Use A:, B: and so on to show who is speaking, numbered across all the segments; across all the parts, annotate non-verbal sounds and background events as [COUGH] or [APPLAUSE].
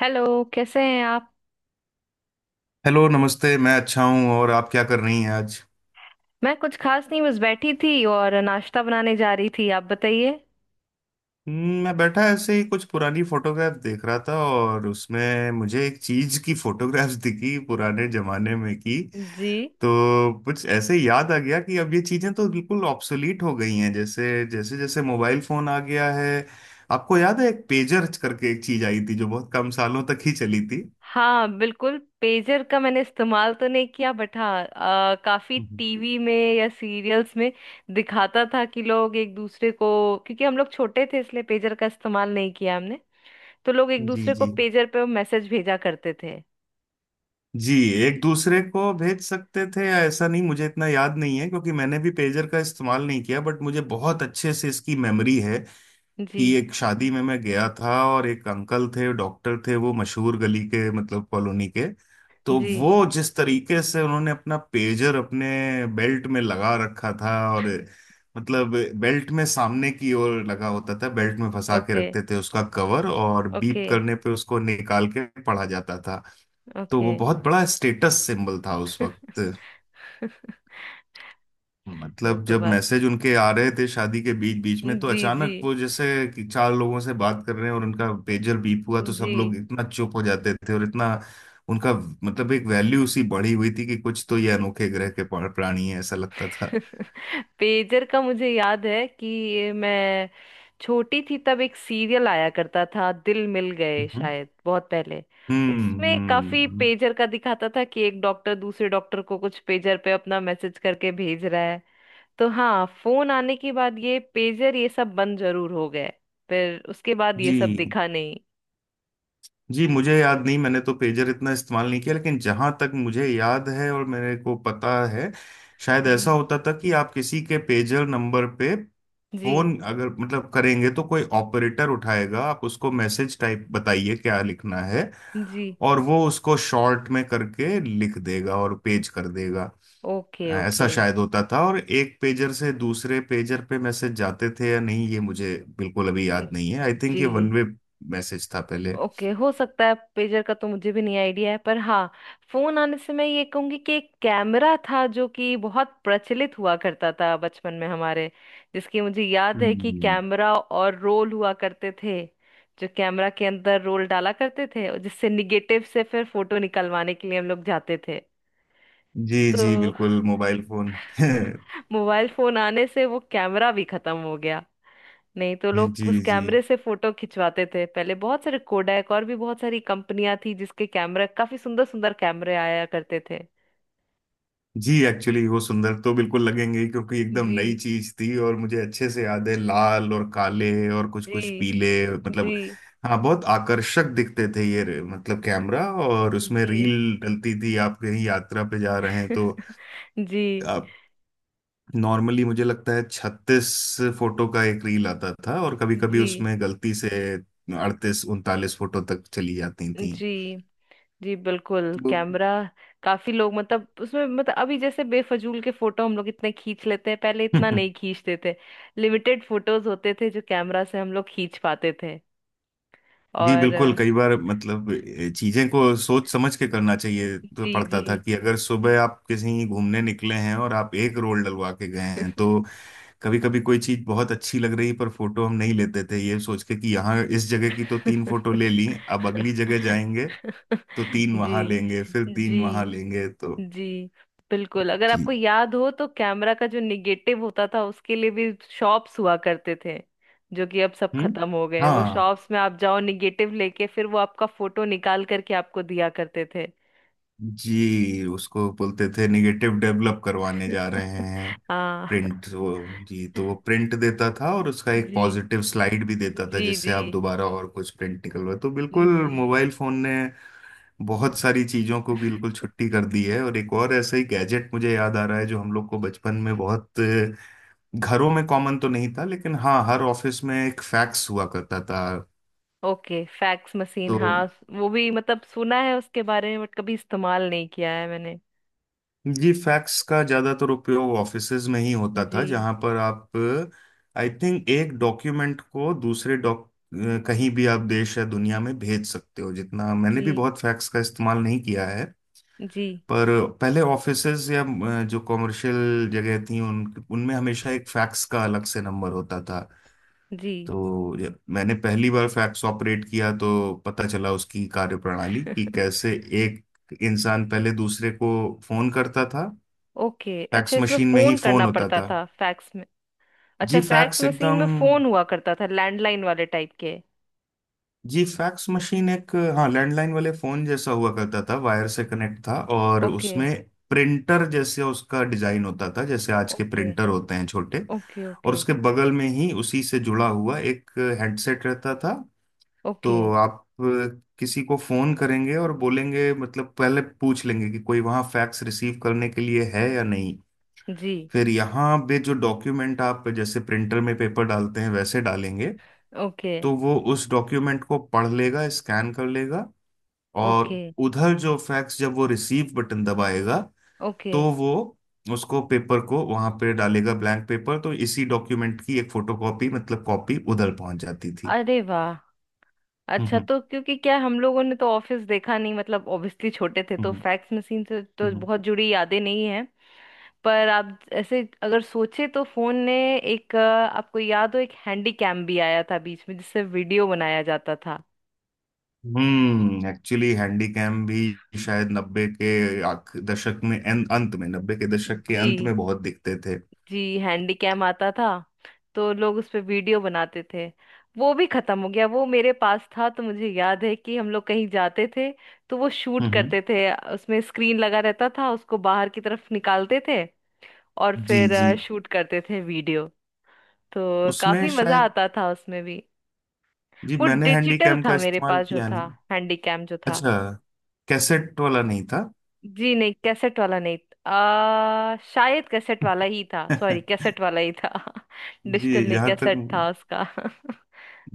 A: Hello कैसे हैं आप।
B: हेलो नमस्ते। मैं अच्छा हूँ और आप क्या कर रही हैं आज।
A: मैं कुछ खास नहीं, बस बैठी थी और नाश्ता बनाने जा रही थी, आप बताइए।
B: मैं बैठा ऐसे ही कुछ पुरानी फोटोग्राफ देख रहा था और उसमें मुझे एक चीज की फोटोग्राफ्स [LAUGHS] दिखी पुराने जमाने में की।
A: जी।
B: तो कुछ ऐसे ही याद आ गया कि अब ये चीजें तो बिल्कुल ऑब्सोलीट हो गई हैं जैसे जैसे जैसे मोबाइल फोन आ गया है। आपको याद है एक पेजर करके एक चीज आई थी जो बहुत कम सालों तक ही चली थी।
A: हाँ बिल्कुल, पेजर का मैंने इस्तेमाल तो नहीं किया बट हाँ काफी
B: हम्म।
A: टीवी में या सीरियल्स में दिखाता था कि लोग एक दूसरे को, क्योंकि हम लोग छोटे थे इसलिए पेजर का इस्तेमाल नहीं किया हमने। तो लोग एक
B: जी
A: दूसरे को
B: जी।
A: पेजर पे मैसेज भेजा करते थे।
B: जी, एक दूसरे को भेज सकते थे या ऐसा नहीं मुझे इतना याद नहीं है, क्योंकि मैंने भी पेजर का इस्तेमाल नहीं किया बट मुझे बहुत अच्छे से इसकी मेमोरी है
A: जी
B: कि एक शादी में मैं गया था और एक अंकल थे डॉक्टर थे वो मशहूर गली के मतलब कॉलोनी के। तो
A: जी।
B: वो जिस तरीके से उन्होंने अपना पेजर अपने बेल्ट में लगा रखा था और मतलब बेल्ट में सामने की ओर लगा होता था, बेल्ट में फंसा के
A: ओके
B: रखते थे उसका कवर और बीप
A: ओके
B: करने पे उसको निकाल के पढ़ा जाता था। तो
A: ओके।
B: वो बहुत बड़ा स्टेटस सिंबल था उस वक्त।
A: [LAUGHS] वो
B: मतलब
A: तो
B: जब
A: बात।
B: मैसेज उनके आ रहे थे शादी के बीच बीच में तो
A: जी जी
B: अचानक वो जैसे कि चार लोगों से बात कर रहे हैं और उनका पेजर बीप हुआ तो सब
A: जी।
B: लोग इतना चुप हो जाते थे और इतना उनका, मतलब एक वैल्यू सी बढ़ी हुई थी कि कुछ तो ये अनोखे ग्रह के प्राणी है ऐसा लगता था।
A: [LAUGHS] पेजर का मुझे याद है कि मैं छोटी थी तब एक सीरियल आया करता था, दिल मिल गए
B: हम्म।
A: शायद बहुत पहले। उसमें काफी
B: हम्म।
A: पेजर का दिखाता था कि एक डॉक्टर दूसरे डॉक्टर को कुछ पेजर पे अपना मैसेज करके भेज रहा है। तो हाँ, फोन आने के बाद ये पेजर ये सब बंद जरूर हो गए। फिर उसके बाद ये सब
B: जी
A: दिखा नहीं।
B: जी, मुझे याद नहीं मैंने तो पेजर इतना इस्तेमाल नहीं किया, लेकिन जहां तक मुझे याद है और मेरे को पता है शायद ऐसा
A: जी
B: होता था कि आप किसी के पेजर नंबर पे
A: जी
B: फोन अगर मतलब करेंगे तो कोई ऑपरेटर उठाएगा, आप उसको मैसेज टाइप बताइए क्या लिखना है
A: जी।
B: और वो उसको शॉर्ट में करके लिख देगा और पेज कर देगा।
A: ओके
B: ऐसा
A: ओके।
B: शायद होता था और एक पेजर से दूसरे पेजर पे मैसेज जाते थे या नहीं ये मुझे बिल्कुल अभी याद नहीं है। आई थिंक
A: जी।
B: ये वन वे मैसेज था पहले।
A: ओके हो सकता है, पेजर का तो मुझे भी नहीं आइडिया है पर हाँ, फोन आने से मैं ये कहूंगी कि एक कैमरा था जो कि बहुत प्रचलित हुआ करता था बचपन में हमारे, जिसकी मुझे याद है कि
B: हम्म।
A: कैमरा और रोल हुआ करते थे। जो कैमरा के अंदर रोल डाला करते थे और जिससे निगेटिव से फिर फोटो निकलवाने के लिए हम लोग जाते थे।
B: जी
A: तो
B: जी बिल्कुल मोबाइल फोन [LAUGHS]
A: [LAUGHS] मोबाइल फोन आने से वो कैमरा भी खत्म हो गया। नहीं तो लोग उस
B: जी जी।
A: कैमरे से फोटो खिंचवाते थे पहले। बहुत सारे कोडैक और भी बहुत सारी कंपनियां थी जिसके कैमरा, काफी सुंदर सुंदर कैमरे आया करते थे।
B: जी एक्चुअली वो सुंदर तो बिल्कुल लगेंगे ही, क्योंकि एकदम
A: जी
B: नई चीज थी और मुझे अच्छे से याद है लाल और काले और कुछ कुछ
A: जी
B: पीले, मतलब
A: जी
B: हाँ बहुत आकर्षक दिखते थे ये मतलब कैमरा और उसमें
A: जी।
B: रील डलती थी। आप कहीं यात्रा पे जा रहे हैं तो
A: [LAUGHS] जी
B: आप नॉर्मली मुझे लगता है छत्तीस फोटो का एक रील आता था और कभी कभी
A: जी
B: उसमें गलती से अड़तीस उनतालीस फोटो तक चली जाती थी।
A: जी जी। बिल्कुल
B: तो
A: कैमरा, काफी लोग मतलब उसमें मतलब अभी जैसे बेफजूल के फोटो हम लोग इतने खींच लेते हैं, पहले इतना नहीं
B: [LAUGHS]
A: खींचते थे। लिमिटेड फोटोज होते थे जो कैमरा से हम लोग खींच पाते थे।
B: जी
A: और
B: बिल्कुल कई बार मतलब चीजें को सोच समझ के करना चाहिए तो
A: जी
B: पड़ता
A: जी।
B: था कि अगर सुबह आप कहीं घूमने निकले हैं और आप एक रोल डलवा के गए हैं तो
A: [LAUGHS]
B: कभी कभी कोई चीज बहुत अच्छी लग रही पर फोटो हम नहीं लेते थे ये सोच के कि यहाँ इस जगह की तो तीन फोटो ले ली अब अगली जगह
A: [LAUGHS]
B: जाएंगे तो तीन वहां
A: जी
B: लेंगे फिर तीन वहां
A: जी
B: लेंगे। तो
A: जी बिल्कुल। अगर
B: जी।
A: आपको याद हो तो कैमरा का जो निगेटिव होता था उसके लिए भी शॉप्स हुआ करते थे। जो कि अब सब
B: हम्म
A: खत्म हो गए। वो
B: हाँ।
A: शॉप्स में आप जाओ निगेटिव लेके, फिर वो आपका फोटो निकाल करके आपको दिया करते थे।
B: जी उसको बोलते थे निगेटिव डेवलप करवाने जा रहे
A: [LAUGHS]
B: हैं,
A: हाँ।
B: प्रिंट वो। जी तो वो प्रिंट देता था और उसका एक
A: जी
B: पॉजिटिव स्लाइड भी देता था
A: जी
B: जिससे
A: जी
B: आप दोबारा और कुछ प्रिंट निकलवा तो बिल्कुल।
A: जी।
B: मोबाइल फोन ने बहुत सारी चीजों को बिल्कुल छुट्टी कर दी है और एक और ऐसा ही गैजेट मुझे याद आ रहा है जो हम लोग को बचपन में बहुत घरों में कॉमन तो नहीं था, लेकिन हाँ हर ऑफिस में एक फैक्स हुआ करता था।
A: ओके फैक्स मशीन,
B: तो
A: हाँ वो भी मतलब सुना है उसके बारे में बट कभी इस्तेमाल नहीं किया है मैंने।
B: जी फैक्स का ज्यादातर उपयोग ऑफिसेज में ही होता
A: जी
B: था जहां पर आप आई थिंक एक डॉक्यूमेंट को दूसरे डॉक कहीं भी आप देश या दुनिया में भेज सकते हो। जितना मैंने
A: जी
B: भी बहुत फैक्स का इस्तेमाल नहीं किया है
A: जी
B: पर पहले ऑफिसेज या जो कॉमर्शियल जगह थी उन उनमें हमेशा एक फैक्स का अलग से नंबर होता था।
A: जी।
B: तो जब मैंने पहली बार फैक्स ऑपरेट किया तो पता चला उसकी कार्यप्रणाली कि कैसे एक इंसान पहले दूसरे को फोन करता था।
A: ओके अच्छा,
B: फैक्स
A: इसमें
B: मशीन में ही
A: फोन करना
B: फोन होता
A: पड़ता
B: था।
A: था फैक्स में? अच्छा
B: जी
A: फैक्स
B: फैक्स
A: मशीन
B: एकदम,
A: में फोन हुआ करता था, लैंडलाइन वाले टाइप के।
B: जी फैक्स मशीन एक हाँ लैंडलाइन वाले फोन जैसा हुआ करता था, वायर से कनेक्ट था और
A: ओके
B: उसमें प्रिंटर जैसे उसका डिजाइन होता था जैसे आज के
A: ओके
B: प्रिंटर होते हैं छोटे
A: ओके।
B: और
A: ओके
B: उसके बगल में ही उसी से जुड़ा हुआ एक हेडसेट रहता था।
A: ओके।
B: तो आप किसी को फोन करेंगे और बोलेंगे, मतलब पहले पूछ लेंगे कि कोई वहाँ फैक्स रिसीव करने के लिए है या नहीं,
A: जी।
B: फिर यहाँ पे जो डॉक्यूमेंट आप जैसे प्रिंटर में पेपर डालते हैं वैसे डालेंगे
A: ओके
B: तो वो उस डॉक्यूमेंट को पढ़ लेगा स्कैन कर लेगा और
A: ओके
B: उधर जो फैक्स जब वो रिसीव बटन दबाएगा
A: ओके।
B: तो वो उसको पेपर को वहां पे डालेगा ब्लैंक पेपर तो इसी डॉक्यूमेंट की एक फोटोकॉपी मतलब कॉपी उधर पहुंच जाती थी।
A: अरे वाह, अच्छा।
B: हम्म।
A: तो क्योंकि क्या है, हम लोगों ने तो ऑफिस देखा नहीं, मतलब ऑब्वियसली छोटे थे, तो
B: हम्म।
A: फैक्स मशीन से तो
B: हम्म।
A: बहुत जुड़ी यादें नहीं है। पर आप ऐसे अगर सोचे तो फोन ने एक आपको याद हो एक हैंडी कैम भी आया था बीच में जिससे वीडियो बनाया जाता था।
B: एक्चुअली हैंडीकैम भी शायद नब्बे के दशक में अंत में, नब्बे के दशक के अंत
A: जी
B: में बहुत दिखते थे।
A: जी हैंडी कैम आता था। तो लोग उस पे वीडियो बनाते थे। वो भी खत्म हो गया। वो मेरे पास था तो मुझे याद है कि हम लोग कहीं जाते थे, तो वो शूट
B: हम्म।
A: करते थे, उसमें स्क्रीन लगा रहता था, उसको बाहर की तरफ निकालते थे और
B: जी
A: फिर
B: जी।
A: शूट करते थे वीडियो। तो
B: उसमें
A: काफी मजा
B: शायद
A: आता था उसमें भी।
B: जी
A: वो
B: मैंने
A: डिजिटल
B: हैंडीकैम का
A: था मेरे
B: इस्तेमाल
A: पास जो
B: किया
A: था,
B: नहीं।
A: हैंडीकैम जो था।
B: अच्छा, कैसेट वाला नहीं था।
A: जी नहीं कैसेट वाला नहीं, शायद कैसेट वाला ही था, सॉरी
B: [LAUGHS]
A: कैसेट वाला ही था। [LAUGHS] डिजिटल
B: जी
A: नहीं
B: जहाँ तक
A: कैसेट था उसका।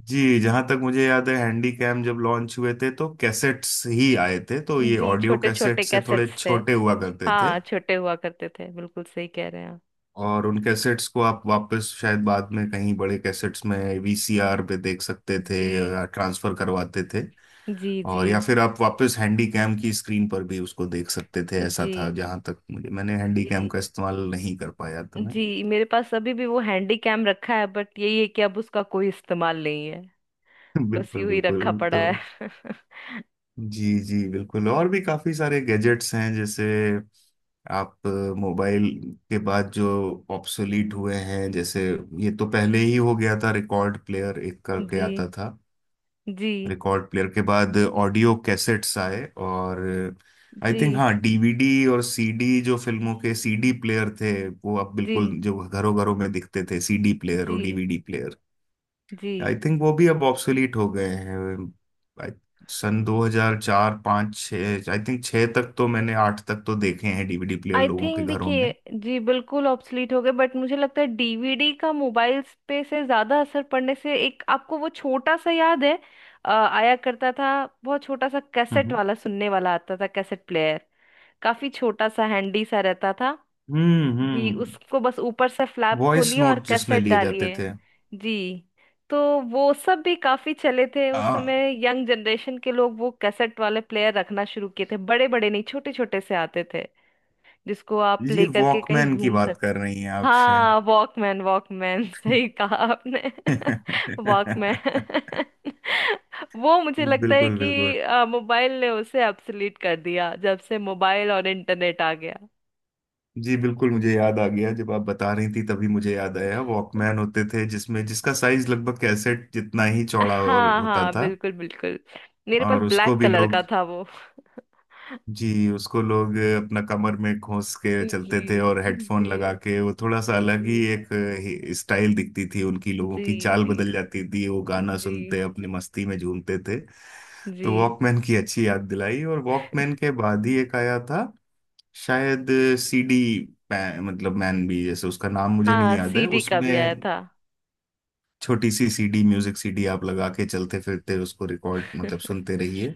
B: जी जहाँ तक मुझे याद है हैंडीकैम जब लॉन्च हुए थे तो कैसेट्स ही आए थे,
A: [LAUGHS]
B: तो ये
A: जी,
B: ऑडियो
A: छोटे छोटे
B: कैसेट से थोड़े
A: कैसेट्स थे।
B: छोटे हुआ करते थे।
A: हाँ छोटे हुआ करते थे, बिल्कुल सही कह रहे हैं आप।
B: और उन कैसेट्स को आप वापस शायद बाद में कहीं बड़े कैसेट्स में वीसीआर पे देख सकते थे
A: जी
B: या ट्रांसफर करवाते थे।
A: जी जी
B: और या फिर आप वापस हैंडी कैम की स्क्रीन पर भी उसको देख सकते थे, ऐसा
A: जी।
B: था जहां तक मुझे मैंने हैंडी कैम
A: जी
B: का इस्तेमाल नहीं कर पाया तो मैं
A: जी मेरे पास अभी भी वो हैंडी कैम रखा है बट यही है कि अब उसका कोई इस्तेमाल नहीं है।
B: [LAUGHS]
A: बस
B: बिल्कुल
A: यूं ही रखा
B: बिल्कुल।
A: पड़ा
B: तो
A: है। [LAUGHS]
B: जी जी बिल्कुल और भी काफी सारे गैजेट्स हैं जैसे आप मोबाइल के बाद जो ऑब्सोलीट हुए हैं जैसे ये तो पहले ही हो गया था रिकॉर्ड प्लेयर एक करके
A: जी
B: आता था।
A: जी
B: रिकॉर्ड प्लेयर के बाद ऑडियो कैसेट्स आए और आई थिंक
A: जी
B: हाँ डीवीडी और सीडी, जो फिल्मों के सीडी प्लेयर थे वो अब
A: जी।
B: बिल्कुल, जो घरों घरों में दिखते थे सीडी प्लेयर और
A: जी
B: डीवीडी प्लेयर
A: जी।
B: आई थिंक वो भी अब ऑब्सोलीट हो गए हैं। I- सन 2004 5 6 आई थिंक 6 तक तो मैंने 8 तक तो देखे हैं डीवीडी प्लेयर
A: आई
B: लोगों के
A: थिंक
B: घरों
A: देखिए,
B: में।
A: जी बिल्कुल ऑब्सलीट हो गए बट मुझे लगता है डीवीडी का मोबाइल्स पे से ज्यादा असर पड़ने से एक आपको वो छोटा सा याद है आया करता था, बहुत छोटा सा कैसेट
B: हम्म
A: वाला सुनने वाला आता था कैसेट प्लेयर। काफी छोटा सा हैंडी सा रहता था।
B: हम्म।
A: जी उसको बस ऊपर से फ्लैप
B: वॉइस
A: खोलिए और
B: नोट जिसमें
A: कैसेट
B: लिए जाते
A: डालिए।
B: थे।
A: जी, तो वो सब भी काफी चले थे उस
B: हाँ
A: समय। यंग जनरेशन के लोग वो कैसेट वाले प्लेयर रखना शुरू किए थे, बड़े बड़े नहीं छोटे छोटे से आते थे, जिसको आप
B: ये
A: लेकर के कहीं
B: वॉकमैन की
A: घूम
B: बात
A: सकते।
B: कर रही हैं आप शायद।
A: हाँ वॉकमैन वॉकमैन, [LAUGHS] सही कहा आपने।
B: [LAUGHS]
A: [LAUGHS] वॉकमैन।
B: बिल्कुल
A: [LAUGHS] वो मुझे लगता है
B: बिल्कुल।
A: कि मोबाइल ने उसे अब्सोल्यूट कर दिया, जब से मोबाइल और इंटरनेट आ गया।
B: जी बिल्कुल मुझे याद आ गया, जब आप बता रही थी तभी मुझे याद आया वॉकमैन होते थे जिसमें जिसका साइज लगभग कैसेट जितना ही चौड़ा और
A: हाँ
B: होता
A: हाँ
B: था।
A: बिल्कुल बिल्कुल, मेरे पास
B: और उसको
A: ब्लैक
B: भी
A: कलर का
B: लोग,
A: था वो।
B: जी उसको लोग अपना कमर में घोंस
A: [LAUGHS]
B: के
A: जी
B: चलते थे और हेडफोन लगा
A: जी
B: के वो थोड़ा सा
A: जी
B: अलग ही
A: जी।
B: एक स्टाइल दिखती थी उनकी, लोगों
A: जी
B: की चाल
A: जी
B: बदल जाती थी, वो गाना
A: जी
B: सुनते अपनी मस्ती में झूमते थे।
A: जी।
B: तो वॉकमैन की अच्छी याद दिलाई और वॉकमैन के बाद ही एक आया था शायद सीडी मतलब मैन भी जैसे उसका नाम मुझे नहीं
A: हाँ
B: याद है,
A: सीडी का भी आया
B: उसमें
A: था।
B: छोटी सी सीडी म्यूजिक सीडी आप लगा के चलते फिरते उसको रिकॉर्ड मतलब
A: [LAUGHS]
B: सुनते रहिए।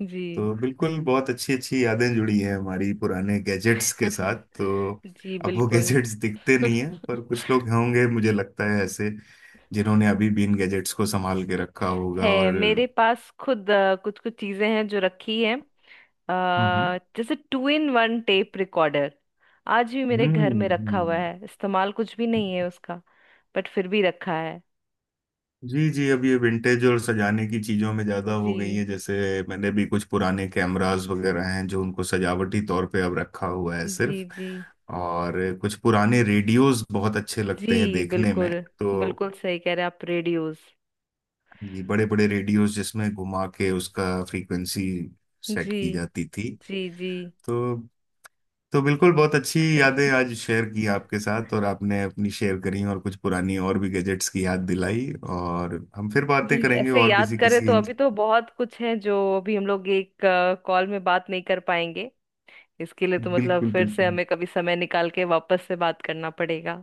A: जी।
B: तो बिल्कुल बहुत अच्छी अच्छी यादें जुड़ी हैं हमारी पुराने गैजेट्स के साथ।
A: [LAUGHS]
B: तो
A: जी
B: अब वो
A: बिल्कुल।
B: गैजेट्स दिखते नहीं है पर कुछ लोग होंगे मुझे लगता है ऐसे जिन्होंने अभी भी इन गैजेट्स को संभाल के रखा होगा
A: है
B: और
A: मेरे पास खुद, कुछ कुछ चीजें हैं जो रखी हैं,
B: हम्म। हम्म।
A: जैसे two in one tape recorder आज भी मेरे घर में रखा हुआ
B: हम्म।
A: है। इस्तेमाल कुछ भी नहीं है
B: हम्म।
A: उसका, बट फिर भी रखा है।
B: जी जी अब ये विंटेज और सजाने की चीजों में ज्यादा हो गई
A: जी
B: है। जैसे मैंने भी कुछ पुराने कैमरास वगैरह हैं जो उनको सजावटी तौर पे अब रखा हुआ है
A: जी
B: सिर्फ।
A: जी
B: और कुछ पुराने रेडियोस बहुत अच्छे लगते हैं
A: जी।
B: देखने में।
A: बिल्कुल,
B: तो
A: बिल्कुल सही कह रहे हैं आप, रेडियोस।
B: ये बड़े बड़े रेडियोस जिसमें घुमा के उसका फ्रीक्वेंसी सेट
A: जी
B: की जाती थी।
A: जी जी।
B: तो तो बिल्कुल बहुत अच्छी यादें
A: [LAUGHS]
B: आज शेयर की आपके साथ और आपने अपनी शेयर करी और कुछ पुरानी और भी गैजेट्स की याद दिलाई और हम फिर बातें
A: जी
B: करेंगे
A: ऐसे
B: और
A: याद
B: किसी
A: करें
B: किसी
A: तो अभी तो बहुत कुछ है जो अभी हम लोग एक कॉल में बात नहीं कर पाएंगे। इसके लिए तो मतलब
B: बिल्कुल
A: फिर से
B: बिल्कुल
A: हमें कभी समय निकाल के वापस से बात करना पड़ेगा।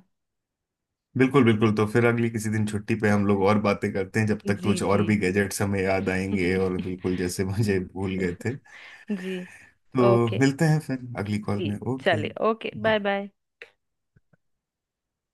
B: बिल्कुल बिल्कुल। तो फिर अगली किसी दिन छुट्टी पे हम लोग और बातें करते हैं जब तक
A: जी
B: कुछ और
A: जी।
B: भी गैजेट्स हमें याद आएंगे
A: [LAUGHS]
B: और बिल्कुल जैसे [LAUGHS] मुझे भूल गए थे।
A: जी।
B: तो
A: ओके
B: मिलते हैं फिर अगली कॉल
A: जी,
B: में। ओके।
A: चलिए ओके बाय बाय।